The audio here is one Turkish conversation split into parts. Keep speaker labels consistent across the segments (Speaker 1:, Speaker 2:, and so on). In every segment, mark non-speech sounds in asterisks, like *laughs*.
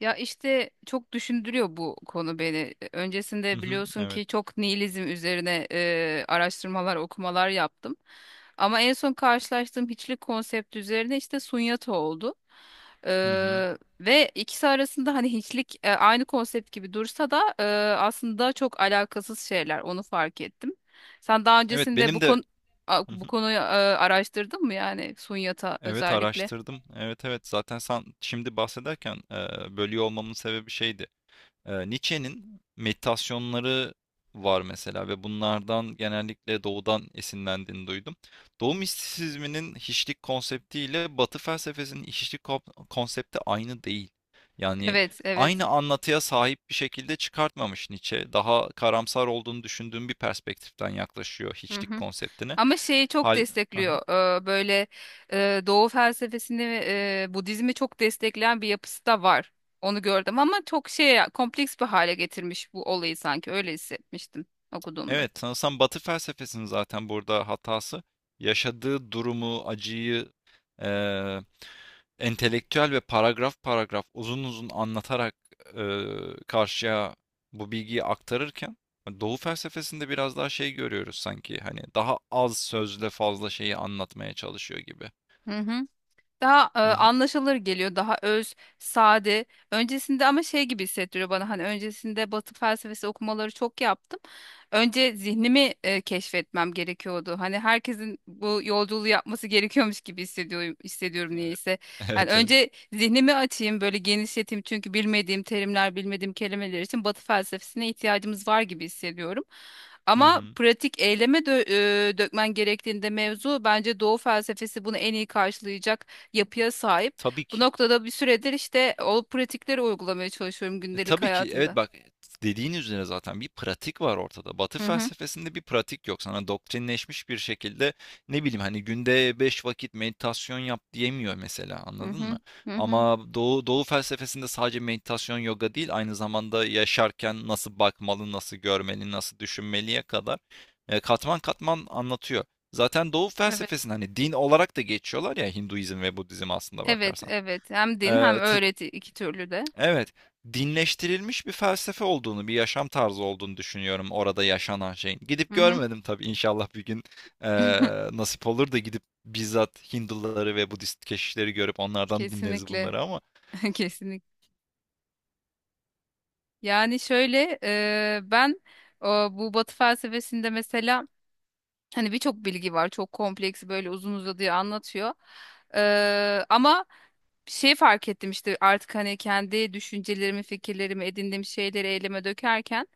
Speaker 1: Ya işte çok düşündürüyor bu konu beni.
Speaker 2: Hı
Speaker 1: Öncesinde
Speaker 2: hı,
Speaker 1: biliyorsun
Speaker 2: evet.
Speaker 1: ki çok nihilizm üzerine araştırmalar, okumalar yaptım. Ama en son karşılaştığım hiçlik konsepti üzerine işte Sunyata oldu.
Speaker 2: Hı hı.
Speaker 1: E, ve ikisi arasında hani hiçlik aynı konsept gibi dursa da aslında çok alakasız şeyler. Onu fark ettim. Sen daha
Speaker 2: Evet
Speaker 1: öncesinde bu
Speaker 2: benim de.
Speaker 1: konu
Speaker 2: Hı
Speaker 1: bu
Speaker 2: hı.
Speaker 1: konuyu araştırdın mı yani Sunyata
Speaker 2: Evet,
Speaker 1: özellikle?
Speaker 2: araştırdım. Evet, evet, zaten sen şimdi bahsederken bölüyor olmamın sebebi şeydi. Nietzsche'nin meditasyonları var mesela ve bunlardan genellikle doğudan esinlendiğini duydum. Doğu mistisizminin hiçlik konsepti ile Batı felsefesinin hiçlik konsepti aynı değil. Yani
Speaker 1: Evet, evet.
Speaker 2: aynı anlatıya sahip bir şekilde çıkartmamış Nietzsche. Daha karamsar olduğunu düşündüğüm bir perspektiften yaklaşıyor
Speaker 1: Hı
Speaker 2: hiçlik
Speaker 1: hı.
Speaker 2: konseptine.
Speaker 1: Ama şeyi çok
Speaker 2: Hal... Aha.
Speaker 1: destekliyor. Böyle Doğu felsefesini, Budizmi çok destekleyen bir yapısı da var. Onu gördüm ama çok şey kompleks bir hale getirmiş bu olayı sanki öyle hissetmiştim okuduğumda.
Speaker 2: Evet, sanırsam Batı felsefesinin zaten burada hatası yaşadığı durumu, acıyı, eee, entelektüel ve paragraf paragraf uzun uzun anlatarak, karşıya bu bilgiyi aktarırken Doğu felsefesinde biraz daha şey görüyoruz sanki, hani daha az sözle fazla şeyi anlatmaya çalışıyor gibi.
Speaker 1: Hı hı. Daha
Speaker 2: Hı hı.
Speaker 1: anlaşılır geliyor, daha öz, sade. Öncesinde ama şey gibi hissettiriyor bana hani öncesinde Batı felsefesi okumaları çok yaptım. Önce zihnimi keşfetmem gerekiyordu. Hani herkesin bu yolculuğu yapması gerekiyormuş gibi hissediyorum
Speaker 2: Evet.
Speaker 1: niyeyse.
Speaker 2: *laughs*
Speaker 1: Hani
Speaker 2: Evet, evet.
Speaker 1: önce zihnimi açayım, böyle genişleteyim çünkü bilmediğim terimler, bilmediğim kelimeler için Batı felsefesine ihtiyacımız var gibi hissediyorum.
Speaker 2: Hı
Speaker 1: Ama
Speaker 2: hı.
Speaker 1: pratik eyleme dökmen gerektiğinde mevzu bence Doğu felsefesi bunu en iyi karşılayacak yapıya sahip.
Speaker 2: Tabii
Speaker 1: Bu
Speaker 2: ki.
Speaker 1: noktada bir süredir işte o pratikleri uygulamaya çalışıyorum
Speaker 2: E,
Speaker 1: gündelik
Speaker 2: tabii ki. Evet,
Speaker 1: hayatımda.
Speaker 2: bak, dediğin üzere zaten bir pratik var ortada. Batı
Speaker 1: Hı hı,
Speaker 2: felsefesinde bir pratik yok. Sana doktrinleşmiş bir şekilde ne bileyim, hani günde 5 vakit meditasyon yap diyemiyor mesela,
Speaker 1: hı
Speaker 2: anladın
Speaker 1: hı,
Speaker 2: mı?
Speaker 1: hı hı.
Speaker 2: Ama Doğu, Doğu felsefesinde sadece meditasyon yoga değil, aynı zamanda yaşarken nasıl bakmalı, nasıl görmeli, nasıl düşünmeliye kadar katman katman anlatıyor. Zaten Doğu
Speaker 1: Evet.
Speaker 2: felsefesinde hani din olarak da geçiyorlar ya, Hinduizm ve Budizm, aslında
Speaker 1: Evet,
Speaker 2: bakarsan.
Speaker 1: evet. Hem din hem öğreti iki türlü de.
Speaker 2: Evet, dinleştirilmiş bir felsefe olduğunu, bir yaşam tarzı olduğunu düşünüyorum orada yaşanan şeyin. Gidip
Speaker 1: Hı hı.
Speaker 2: görmedim tabii, inşallah bir gün eee,
Speaker 1: *laughs*
Speaker 2: nasip olur da gidip bizzat Hinduları ve Budist keşişleri görüp onlardan dinleriz
Speaker 1: Kesinlikle.
Speaker 2: bunları, ama
Speaker 1: *laughs* Kesinlikle. Yani şöyle ben bu Batı felsefesinde mesela hani birçok bilgi var. Çok kompleks böyle uzun uzadıya anlatıyor. Ama bir şey fark ettim işte artık hani kendi düşüncelerimi, fikirlerimi, edindiğim şeyleri eyleme dökerken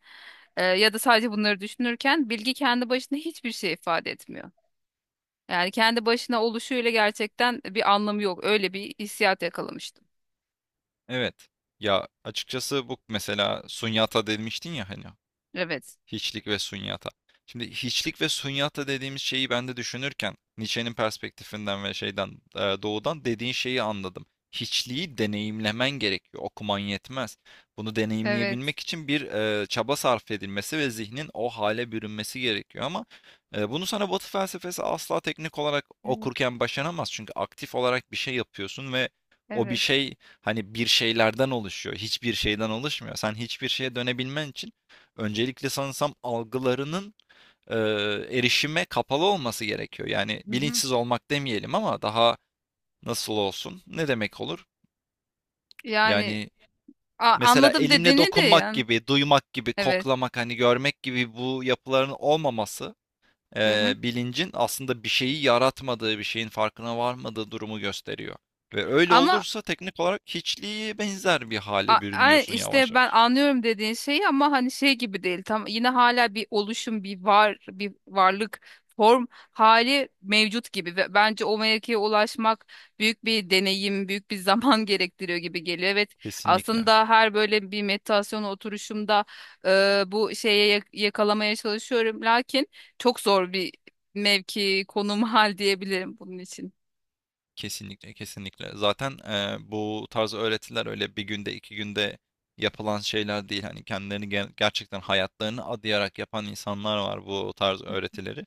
Speaker 1: ya da sadece bunları düşünürken bilgi kendi başına hiçbir şey ifade etmiyor. Yani kendi başına oluşuyla gerçekten bir anlamı yok. Öyle bir hissiyat yakalamıştım.
Speaker 2: evet. Ya açıkçası bu mesela sunyata demiştin ya hani.
Speaker 1: Evet.
Speaker 2: Hiçlik ve sunyata. Şimdi hiçlik ve sunyata dediğimiz şeyi ben de düşünürken Nietzsche'nin perspektifinden ve şeyden, doğudan dediğin şeyi anladım. Hiçliği deneyimlemen gerekiyor. Okuman yetmez. Bunu
Speaker 1: Evet.
Speaker 2: deneyimleyebilmek için bir çaba sarf edilmesi ve zihnin o hale bürünmesi gerekiyor ama bunu sana Batı felsefesi asla teknik olarak
Speaker 1: Evet,
Speaker 2: okurken başaramaz. Çünkü aktif olarak bir şey yapıyorsun ve o bir
Speaker 1: evet.
Speaker 2: şey hani bir şeylerden oluşuyor. Hiçbir şeyden oluşmuyor. Sen hiçbir şeye dönebilmen için öncelikle sanırsam algılarının e, erişime kapalı olması gerekiyor. Yani
Speaker 1: Hı hı.
Speaker 2: bilinçsiz olmak demeyelim ama daha nasıl olsun? Ne demek olur?
Speaker 1: Yani
Speaker 2: Yani mesela
Speaker 1: anladım
Speaker 2: elimle
Speaker 1: dediğini de
Speaker 2: dokunmak
Speaker 1: yani.
Speaker 2: gibi, duymak gibi,
Speaker 1: Evet.
Speaker 2: koklamak, hani görmek gibi bu yapıların olmaması
Speaker 1: Hı hı.
Speaker 2: bilincin aslında bir şeyi yaratmadığı, bir şeyin farkına varmadığı durumu gösteriyor. Ve öyle
Speaker 1: Ama
Speaker 2: olursa teknik olarak hiçliğe benzer bir hale bürünüyorsun yavaş
Speaker 1: İşte ben
Speaker 2: yavaş.
Speaker 1: anlıyorum dediğin şeyi ama hani şey gibi değil. Tam yine hala bir oluşum, bir var, bir varlık form hali mevcut gibi ve bence o mevkiye ulaşmak büyük bir deneyim, büyük bir zaman *laughs* gerektiriyor gibi geliyor. Evet,
Speaker 2: Kesinlikle.
Speaker 1: aslında her böyle bir meditasyon oturuşumda bu şeye yakalamaya çalışıyorum. Lakin çok zor bir mevki, konum, hal diyebilirim bunun için.
Speaker 2: Kesinlikle, kesinlikle. Zaten, bu tarz öğretiler öyle bir günde, 2 günde yapılan şeyler değil. Hani, kendilerini gerçekten hayatlarını adayarak yapan insanlar var bu tarz öğretileri.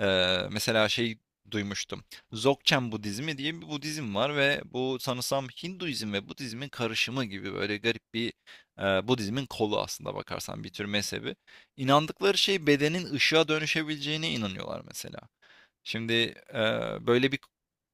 Speaker 2: Mesela şey duymuştum. Dzogchen Budizmi diye bir Budizm var ve bu sanırsam Hinduizm ve Budizmin karışımı gibi böyle garip bir, Budizmin kolu aslında bakarsan, bir tür mezhebi. İnandıkları şey, bedenin ışığa dönüşebileceğine inanıyorlar mesela. Şimdi böyle bir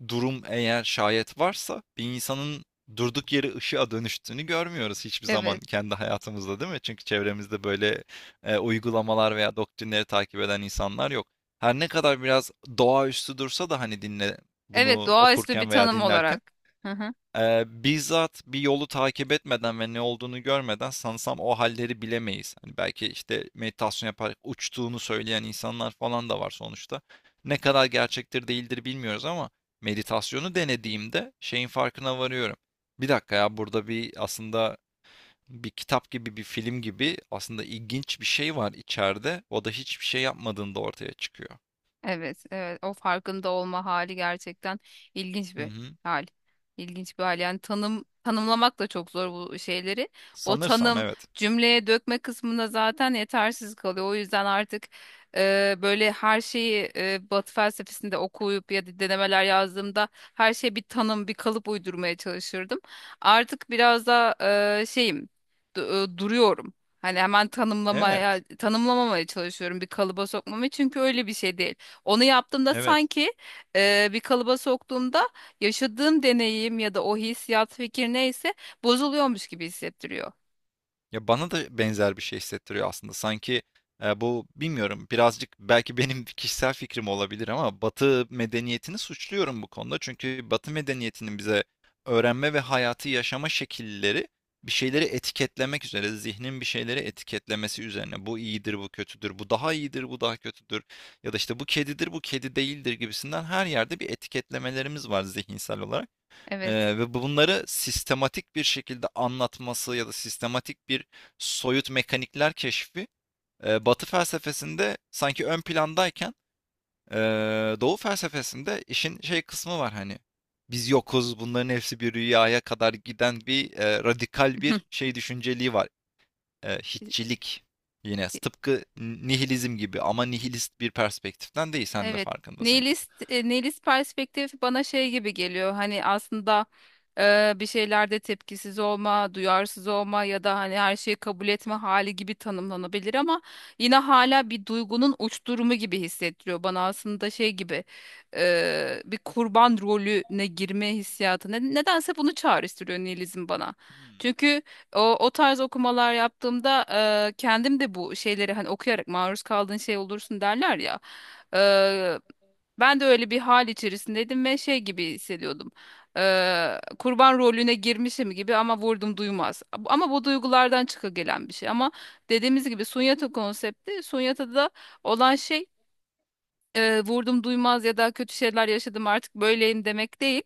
Speaker 2: durum eğer şayet varsa, bir insanın durduk yere ışığa dönüştüğünü görmüyoruz hiçbir zaman
Speaker 1: Evet.
Speaker 2: kendi hayatımızda, değil mi? Çünkü çevremizde böyle uygulamalar veya doktrinleri takip eden insanlar yok. Her ne kadar biraz doğaüstü dursa da hani dinle,
Speaker 1: Evet,
Speaker 2: bunu
Speaker 1: doğaüstü bir
Speaker 2: okurken veya
Speaker 1: tanım
Speaker 2: dinlerken.
Speaker 1: olarak. Hı hı.
Speaker 2: Bizzat bir yolu takip etmeden ve ne olduğunu görmeden sanırsam o halleri bilemeyiz. Hani belki işte meditasyon yaparak uçtuğunu söyleyen insanlar falan da var sonuçta. Ne kadar gerçektir değildir bilmiyoruz ama meditasyonu denediğimde şeyin farkına varıyorum. Bir dakika ya, burada bir aslında bir kitap gibi, bir film gibi, aslında ilginç bir şey var içeride. O da hiçbir şey yapmadığında ortaya çıkıyor.
Speaker 1: Evet, evet. O farkında olma hali gerçekten ilginç
Speaker 2: Hı
Speaker 1: bir
Speaker 2: hı.
Speaker 1: hal. İlginç bir hal. Yani tanımlamak da çok zor bu şeyleri. O
Speaker 2: Sanırsam
Speaker 1: tanım
Speaker 2: evet.
Speaker 1: cümleye dökme kısmında zaten yetersiz kalıyor. O yüzden artık böyle her şeyi Batı felsefesinde okuyup ya da denemeler yazdığımda her şeye bir tanım, bir kalıp uydurmaya çalışırdım. Artık biraz da şeyim, duruyorum. Hani hemen tanımlamaya,
Speaker 2: Evet.
Speaker 1: tanımlamamaya çalışıyorum bir kalıba sokmamı çünkü öyle bir şey değil. Onu yaptığımda
Speaker 2: Evet.
Speaker 1: sanki bir kalıba soktuğumda yaşadığım deneyim ya da o hissiyat fikir neyse bozuluyormuş gibi hissettiriyor.
Speaker 2: Ya bana da benzer bir şey hissettiriyor aslında. Sanki, bu bilmiyorum, birazcık belki benim *laughs* kişisel fikrim olabilir ama Batı medeniyetini suçluyorum bu konuda. Çünkü Batı medeniyetinin bize öğrenme ve hayatı yaşama şekilleri bir şeyleri etiketlemek üzere, zihnin bir şeyleri etiketlemesi üzerine. Bu iyidir, bu kötüdür, bu daha iyidir, bu daha kötüdür, ya da işte bu kedidir, bu kedi değildir gibisinden, her yerde bir etiketlemelerimiz var zihinsel olarak.
Speaker 1: Evet.
Speaker 2: Ve bunları sistematik bir şekilde anlatması ya da sistematik bir soyut mekanikler keşfi Batı felsefesinde sanki ön plandayken, e, Doğu felsefesinde işin şey kısmı var, hani biz yokuz, bunların hepsi bir rüyaya kadar giden bir radikal bir
Speaker 1: *laughs*
Speaker 2: şey düşünceliği var, hiççilik, yine tıpkı nihilizm gibi ama nihilist bir perspektiften değil, sen de
Speaker 1: Evet.
Speaker 2: farkındasın ki.
Speaker 1: Nihilist perspektif bana şey gibi geliyor. Hani aslında bir şeylerde tepkisiz olma, duyarsız olma ya da hani her şeyi kabul etme hali gibi tanımlanabilir ama yine hala bir duygunun uç durumu gibi hissettiriyor bana aslında şey gibi bir kurban rolüne girme hissiyatı. Nedense bunu çağrıştırıyor nihilizm bana.
Speaker 2: Hmm.
Speaker 1: Çünkü o tarz okumalar yaptığımda kendim de bu şeyleri hani okuyarak maruz kaldığın şey olursun derler ya. E, ben de öyle bir hal içerisindeydim ve şey gibi hissediyordum. Kurban rolüne girmişim gibi ama vurdum duymaz. Ama bu duygulardan çıka gelen bir şey. Ama dediğimiz gibi sunyata konsepti, sunyata da olan şey vurdum duymaz ya da kötü şeyler yaşadım artık böyleyim demek değil.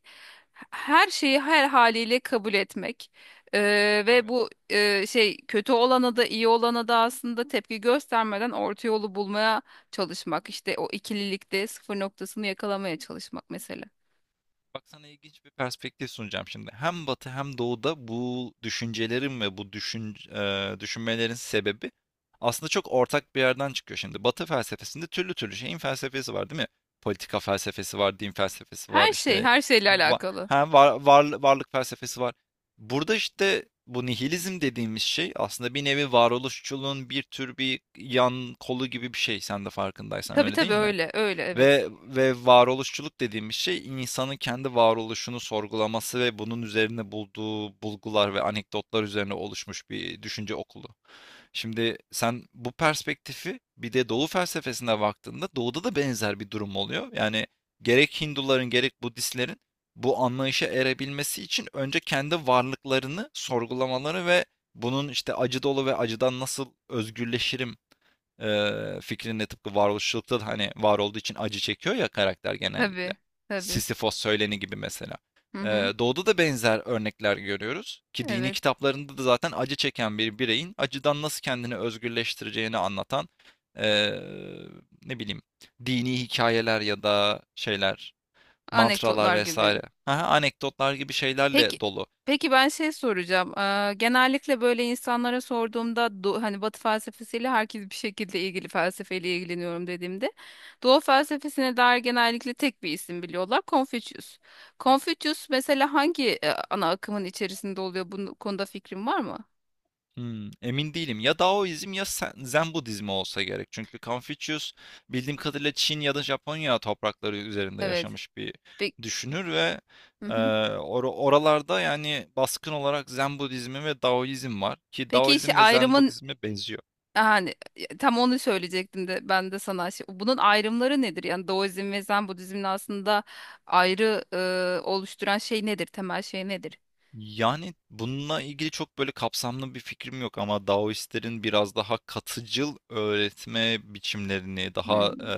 Speaker 1: Her şeyi her haliyle kabul etmek. E, ve
Speaker 2: Evet.
Speaker 1: bu şey kötü olana da iyi olana da aslında tepki göstermeden orta yolu bulmaya çalışmak. İşte o ikililikte sıfır noktasını yakalamaya çalışmak mesela.
Speaker 2: Bak, sana ilginç bir perspektif sunacağım şimdi. Hem Batı hem Doğu'da bu düşüncelerin ve bu düşünmelerin sebebi aslında çok ortak bir yerden çıkıyor şimdi. Batı felsefesinde türlü türlü şeyin felsefesi var, değil mi? Politika felsefesi var, din felsefesi var,
Speaker 1: Her şey
Speaker 2: işte
Speaker 1: her şeyle
Speaker 2: va-
Speaker 1: alakalı.
Speaker 2: hem varlık felsefesi var. Burada işte bu nihilizm dediğimiz şey aslında bir nevi varoluşçuluğun bir tür bir yan kolu gibi bir şey. Sen de farkındaysan,
Speaker 1: Tabii
Speaker 2: öyle
Speaker 1: tabii
Speaker 2: değil mi?
Speaker 1: öyle öyle evet.
Speaker 2: Ve varoluşçuluk dediğimiz şey insanın kendi varoluşunu sorgulaması ve bunun üzerine bulduğu bulgular ve anekdotlar üzerine oluşmuş bir düşünce okulu. Şimdi sen bu perspektifi bir de Doğu felsefesine baktığında, Doğu'da da benzer bir durum oluyor. Yani gerek Hinduların gerek Budistlerin bu anlayışa erebilmesi için önce kendi varlıklarını sorgulamaları ve bunun işte acı dolu ve acıdan nasıl özgürleşirim, fikrinin de tıpkı varoluşçulukta da, hani var olduğu için acı çekiyor ya karakter genellikle.
Speaker 1: Tabii tabii.
Speaker 2: Sisyphos söyleni gibi mesela.
Speaker 1: Hı hı,
Speaker 2: Doğuda da benzer örnekler görüyoruz ki, dini
Speaker 1: evet.
Speaker 2: kitaplarında da zaten acı çeken bir bireyin acıdan nasıl kendini özgürleştireceğini anlatan ee, ne bileyim dini hikayeler ya da şeyler, mantralar
Speaker 1: Anekdotlar gibi.
Speaker 2: vesaire. Aha, anekdotlar gibi
Speaker 1: Peki,
Speaker 2: şeylerle dolu.
Speaker 1: peki ben şey soracağım. Genellikle böyle insanlara sorduğumda hani Batı felsefesiyle herkes bir şekilde ilgili felsefeyle ilgileniyorum dediğimde Doğu felsefesine dair genellikle tek bir isim biliyorlar. Confucius. Confucius mesela hangi ana akımın içerisinde oluyor? Bu konuda fikrin var mı?
Speaker 2: Hmm, emin değilim. Ya Daoizm ya Zen Budizmi olsa gerek. Çünkü Confucius bildiğim kadarıyla Çin ya da Japonya toprakları üzerinde
Speaker 1: Evet.
Speaker 2: yaşamış bir
Speaker 1: Pe-
Speaker 2: düşünür ve
Speaker 1: Hı hı.
Speaker 2: oralarda yani baskın olarak Zen Budizmi ve Daoizm var ki
Speaker 1: Peki işte
Speaker 2: Daoizm ve Zen
Speaker 1: ayrımın.
Speaker 2: Budizmi benziyor.
Speaker 1: Yani tam onu söyleyecektim de ben de sana bunun ayrımları nedir? Yani Daoizm ve Zen Budizm'in aslında ayrı oluşturan şey nedir? Temel şey nedir?
Speaker 2: Yani bununla ilgili çok böyle kapsamlı bir fikrim yok ama Daoistlerin biraz daha katıcıl öğretme biçimlerini, daha
Speaker 1: Hmm.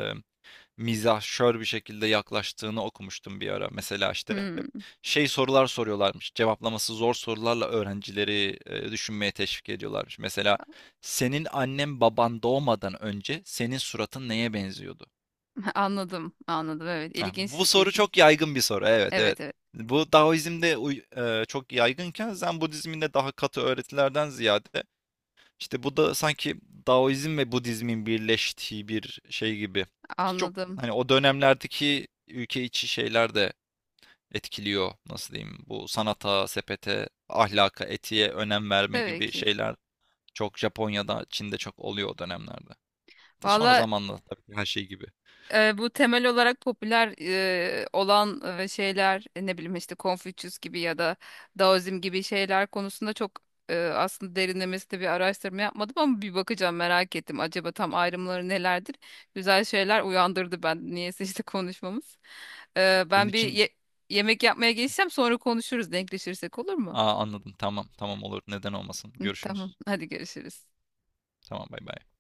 Speaker 2: mizahşör bir şekilde yaklaştığını okumuştum bir ara. Mesela işte
Speaker 1: Hmm.
Speaker 2: şey sorular soruyorlarmış. Cevaplaması zor sorularla öğrencileri düşünmeye teşvik ediyorlarmış. Mesela, senin annen baban doğmadan önce senin suratın neye benziyordu?
Speaker 1: *laughs* Anladım, anladım. Evet,
Speaker 2: Ha,
Speaker 1: ilginç,
Speaker 2: bu soru
Speaker 1: ilginç.
Speaker 2: çok yaygın bir soru. Evet, evet.
Speaker 1: Evet, evet,
Speaker 2: Bu Daoizm'de çok yaygınken, Zen Budizminde daha katı öğretilerden ziyade, işte bu da sanki Daoizm ve Budizmin birleştiği bir şey gibi. Ki çok
Speaker 1: anladım.
Speaker 2: hani o dönemlerdeki ülke içi şeyler de etkiliyor. Nasıl diyeyim? Bu sanata, sepete, ahlaka, etiğe önem verme
Speaker 1: Tabii
Speaker 2: gibi
Speaker 1: ki.
Speaker 2: şeyler çok Japonya'da, Çin'de çok oluyor o dönemlerde. De sonra
Speaker 1: Valla
Speaker 2: zamanla tabii ki, her şey gibi.
Speaker 1: bu temel olarak popüler olan şeyler ne bileyim işte Confucius gibi ya da Daoizm gibi şeyler konusunda çok aslında derinlemesine bir araştırma yapmadım ama bir bakacağım merak ettim. Acaba
Speaker 2: Hı
Speaker 1: tam
Speaker 2: hı.
Speaker 1: ayrımları nelerdir? Güzel şeyler uyandırdı ben niyeyse işte konuşmamız.
Speaker 2: Evet, bunun
Speaker 1: Ben
Speaker 2: için.
Speaker 1: yemek yapmaya geçsem sonra konuşuruz denkleşirsek olur mu?
Speaker 2: Aa, anladım. Tamam, tamam olur. Neden olmasın?
Speaker 1: Hı, Tamam
Speaker 2: Görüşürüz.
Speaker 1: hadi görüşürüz.
Speaker 2: Tamam, bay bay.